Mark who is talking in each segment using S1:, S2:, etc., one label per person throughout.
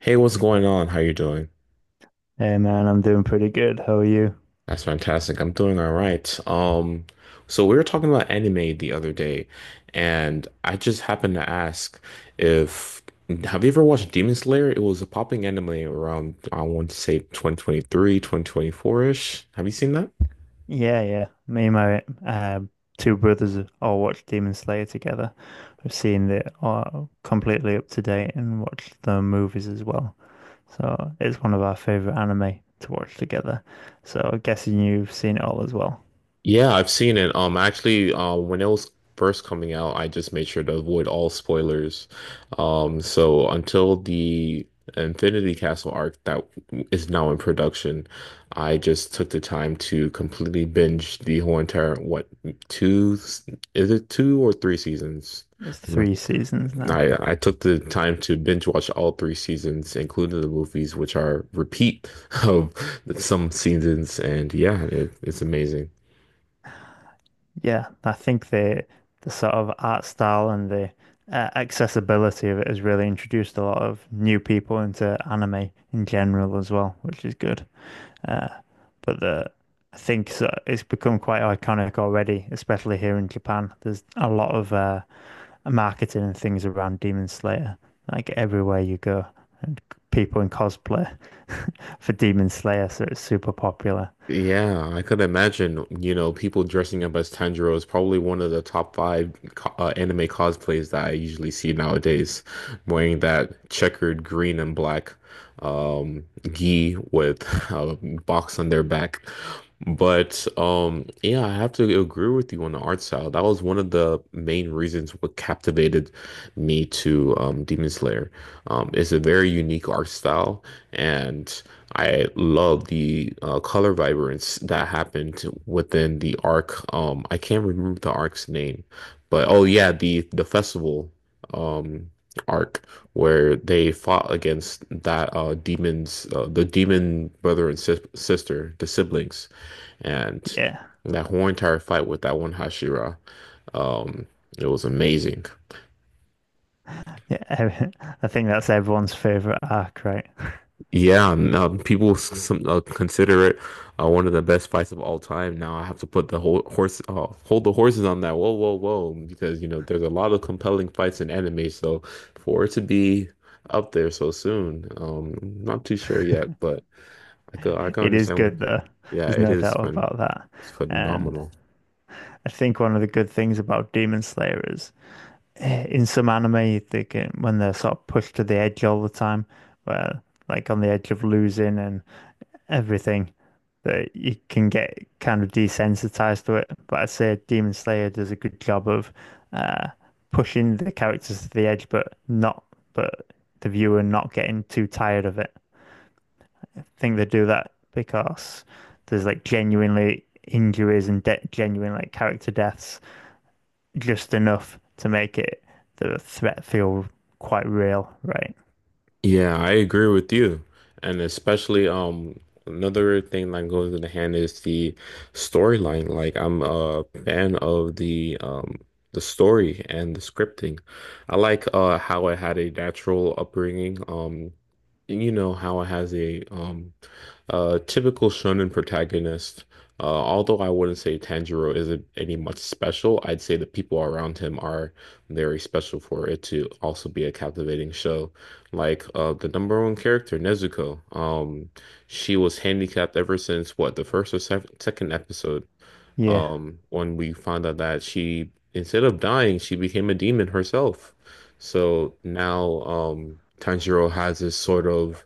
S1: Hey, what's going on? How you doing?
S2: Hey man, I'm doing pretty good. How are you?
S1: That's fantastic. I'm doing all right. So we were talking about anime the other day, and I just happened to ask if have you ever watched Demon Slayer? It was a popping anime around, I want to say, 2023, 2024-ish. Have you seen that?
S2: Yeah, yeah. Me and my two brothers all watched Demon Slayer together. I've seen it all completely up to date and watched the movies as well. So it's one of our favorite anime to watch together. So I'm guessing you've seen it all as well.
S1: Yeah, I've seen it. When it was first coming out, I just made sure to avoid all spoilers. So until the Infinity Castle arc that is now in production, I just took the time to completely binge the whole entire, what, two, is it two or three seasons?
S2: It's
S1: I'm not-
S2: three seasons now.
S1: I took the time to binge watch all three seasons, including the movies, which are repeat of some seasons, and yeah, it's amazing.
S2: Yeah, I think the sort of art style and the accessibility of it has really introduced a lot of new people into anime in general as well, which is good. Uh, but the I think so, it's become quite iconic already, especially here in Japan. There's a lot of marketing and things around Demon Slayer. Like everywhere you go, people in cosplay for Demon Slayer, so it's super popular.
S1: Yeah, I could imagine, you know, people dressing up as Tanjiro is probably one of the top five co anime cosplays that I usually see nowadays, wearing that checkered green and black um gi with a box on their back. But yeah, I have to agree with you on the art style. That was one of the main reasons what captivated me to Demon Slayer. It's a very unique art style, and I love the color vibrance that happened within the arc. I can't remember the arc's name, but oh yeah, the festival um arc where they fought against that demons, the demon brother and sister, the siblings, and
S2: Yeah,
S1: that whole entire fight with that one Hashira. Um, it was amazing.
S2: yeah. I think that's everyone's favorite arc, right?
S1: Yeah, and people some, consider it one of the best fights of all time. Now I have to put the whole horse, hold the horses on that. Whoa, whoa, whoa! Because you know there's a lot of compelling fights in anime, so for it to be up there so soon, not too sure yet, but I can
S2: It is
S1: understand what
S2: good though.
S1: people. Yeah,
S2: There's
S1: it
S2: no doubt
S1: is, man.
S2: about that.
S1: It's
S2: And
S1: phenomenal.
S2: I think one of the good things about Demon Slayer is in some anime they get when they're sort of pushed to the edge all the time, where like on the edge of losing and everything that you can get kind of desensitized to it. But I'd say Demon Slayer does a good job of uh pushing the characters to the edge, but the viewer not getting too tired of it. I think they do that because there's like genuinely injuries and genuine like character deaths, just enough to make it the threat feel quite real, right?
S1: Yeah, I agree with you. And especially another thing that goes in the hand is the storyline. Like, I'm a fan of the story and the scripting. I like how it had a natural upbringing. You know how it has a typical shonen protagonist. Although I wouldn't say Tanjiro isn't any much special, I'd say the people around him are very special for it to also be a captivating show. Like, the number one character, Nezuko. She was handicapped ever since, what, the first or second episode.
S2: Yeah,
S1: When we found out that she, instead of dying, she became a demon herself. So now, Tanjiro has this sort of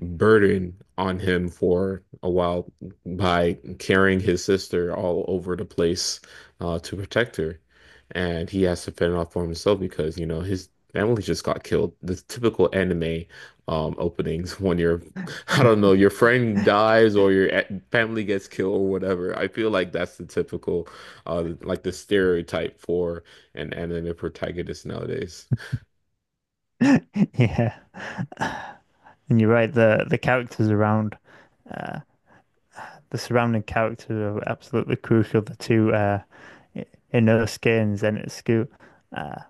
S1: burden on him for a while by carrying his sister all over the place, to protect her. And he has to fend off for himself because, you know, his family just got killed. The typical anime openings when I don't know, your friend dies or your family gets killed or whatever. I feel like that's the typical, like, the stereotype for an anime protagonist nowadays.
S2: yeah. And you're right. The characters around, uh, the surrounding characters are absolutely crucial. The two Inosuke and Zenitsu, uh,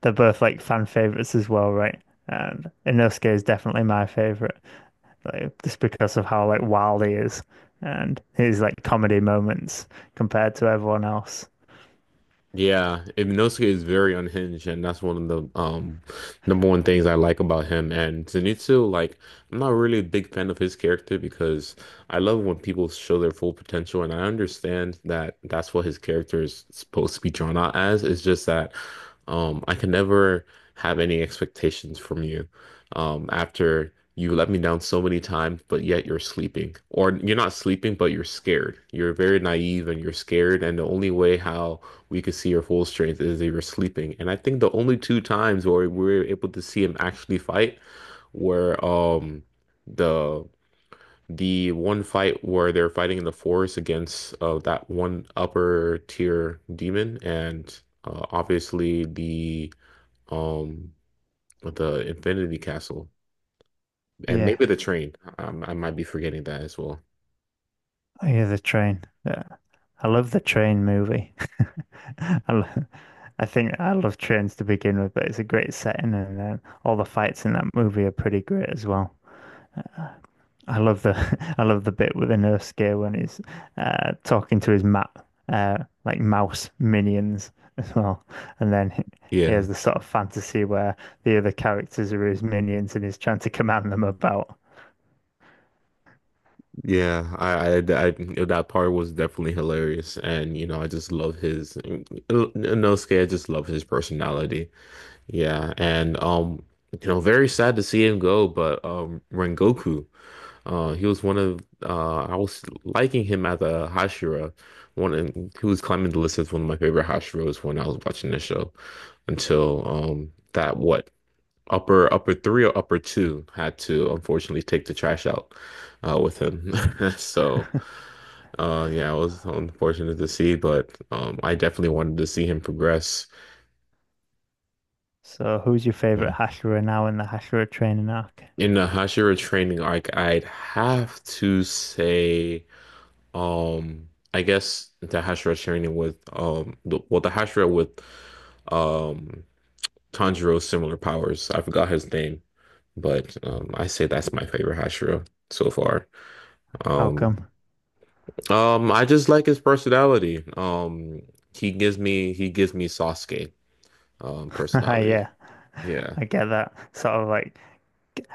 S2: they're both like fan favorites as well, right? And Inosuke is definitely my favorite, like just because of how like wild he is and his like comedy moments compared to everyone else.
S1: Yeah, Inosuke is very unhinged, and that's one of the number one things I like about him. And Zenitsu, like, I'm not really a big fan of his character because I love when people show their full potential, and I understand that that's what his character is supposed to be drawn out as. It's just that I can never have any expectations from you after you let me down so many times, but yet you're sleeping, or you're not sleeping, but you're scared. You're very naive and you're scared, and the only way how we could see her full strength as they were sleeping. And I think the only two times where we were able to see him actually fight were the one fight where they're fighting in the forest against that one upper tier demon, and obviously um the Infinity Castle, and
S2: Yeah,
S1: maybe the train. I might be forgetting that as well.
S2: I hear the train. Yeah. I love the train movie. I, lo- I think I love trains to begin with, but it's a great setting, and then all the fights in that movie are pretty great as well. I love the I love the bit with the gear when he's talking to his map like mouse minions as well, and then he
S1: Yeah.
S2: has the sort of fantasy where the other characters are his minions and he's trying to command them about.
S1: Yeah, I, I, that part was definitely hilarious, and you know, I just love his Inosuke. I just love his personality. Yeah, and you know, very sad to see him go, but Rengoku, he was one of, I was liking him as a Hashira, one, and he was climbing the list as one of my favorite Hashiras when I was watching the show, until, that, what, upper three or upper two, had to unfortunately take the trash out with him. So yeah, it was unfortunate to see, but I definitely wanted to see him progress.
S2: So, who's your favorite Hashira now in the Hashira training arc?
S1: In the Hashira training arc, I'd have to say, um, I guess the Hashira training with, the, well, the Hashira with um Tanjiro's similar powers. I forgot his name, but I say that's my favorite Hashira so far.
S2: How
S1: Um,
S2: come?
S1: I just like his personality. He gives me Sasuke personality.
S2: Yeah.
S1: Yeah.
S2: I get that. Sort of like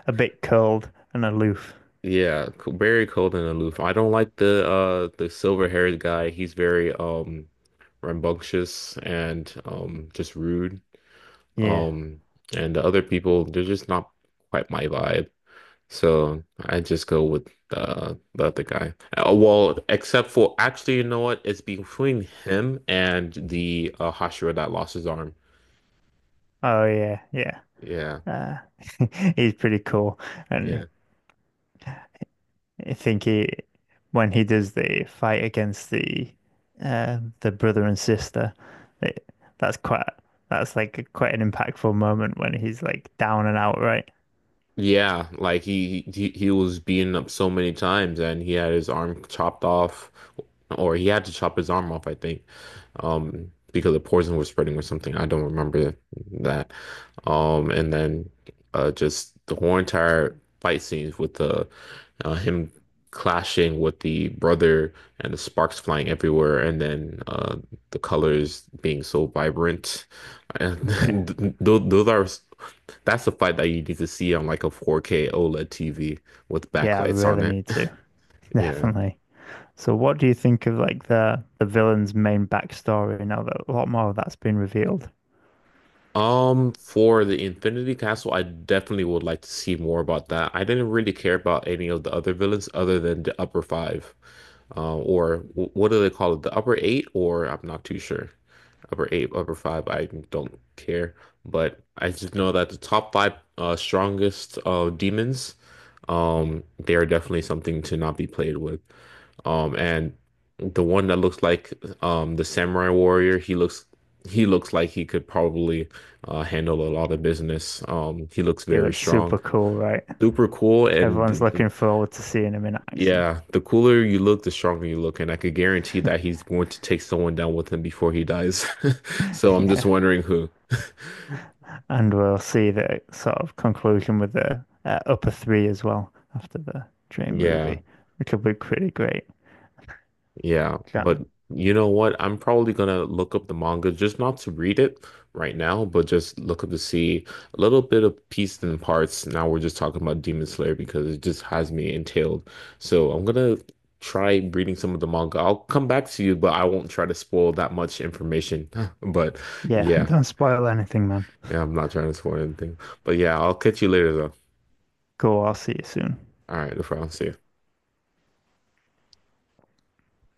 S2: a bit cold and aloof.
S1: Yeah, very cold and aloof. I don't like the silver-haired guy. He's very rambunctious and just rude.
S2: Yeah.
S1: Um, and the other people, they're just not quite my vibe. So I just go with, the other guy. Well, except for, actually, you know what? It's between him and the, Hashira that lost his arm.
S2: Oh yeah, yeah.
S1: Yeah,
S2: Uh, he's pretty cool,
S1: yeah,
S2: and I think he when he does the fight against the brother and sister, it, that's quite that's like quite an impactful moment when he's like down and out, right?
S1: yeah. Like, he he was beaten up so many times, and he had his arm chopped off, or he had to chop his arm off, I think, because the poison was spreading or something. I don't remember that. And then just the whole entire fight scenes with the, him clashing with the brother and the sparks flying everywhere, and then, the colors being so vibrant. And
S2: Yeah.
S1: th those are. That's the fight that you need to see on like a 4K OLED TV with
S2: Yeah, I
S1: backlights on
S2: really
S1: it.
S2: need to.
S1: Yeah.
S2: Definitely. So what do you think of like the villain's main backstory now that a lot more of that's been revealed?
S1: For the Infinity Castle, I definitely would like to see more about that. I didn't really care about any of the other villains other than the upper five. Or what do they call it? The upper eight, or I'm not too sure. Upper eight, upper five, I don't care. But I just know that the top five strongest demons, they are definitely something to not be played with. And the one that looks like the samurai warrior, he looks like he could probably handle a lot of business. He looks
S2: He
S1: very
S2: looks super
S1: strong.
S2: cool, right?
S1: Super cool and
S2: Everyone's looking forward to seeing him in action.
S1: yeah, the cooler you look, the stronger you look, and I could guarantee that he's going to take someone down with him before he dies. So I'm just
S2: yeah.
S1: wondering who.
S2: And we'll see the sort of conclusion with the upper three as well after the Dream
S1: Yeah.
S2: movie, which will be pretty great.
S1: Yeah,
S2: Yeah.
S1: but you know what? I'm probably gonna look up the manga, just not to read it right now, but just look up to see a little bit of pieces and parts. Now we're just talking about Demon Slayer because it just has me entailed. So I'm gonna try reading some of the manga. I'll come back to you, but I won't try to spoil that much information. But
S2: Yeah,
S1: yeah,
S2: don't spoil anything, man.
S1: yeah, I'm not trying to spoil anything. But yeah, I'll catch you later though.
S2: Cool, I'll see you soon.
S1: All right, no problem. See ya.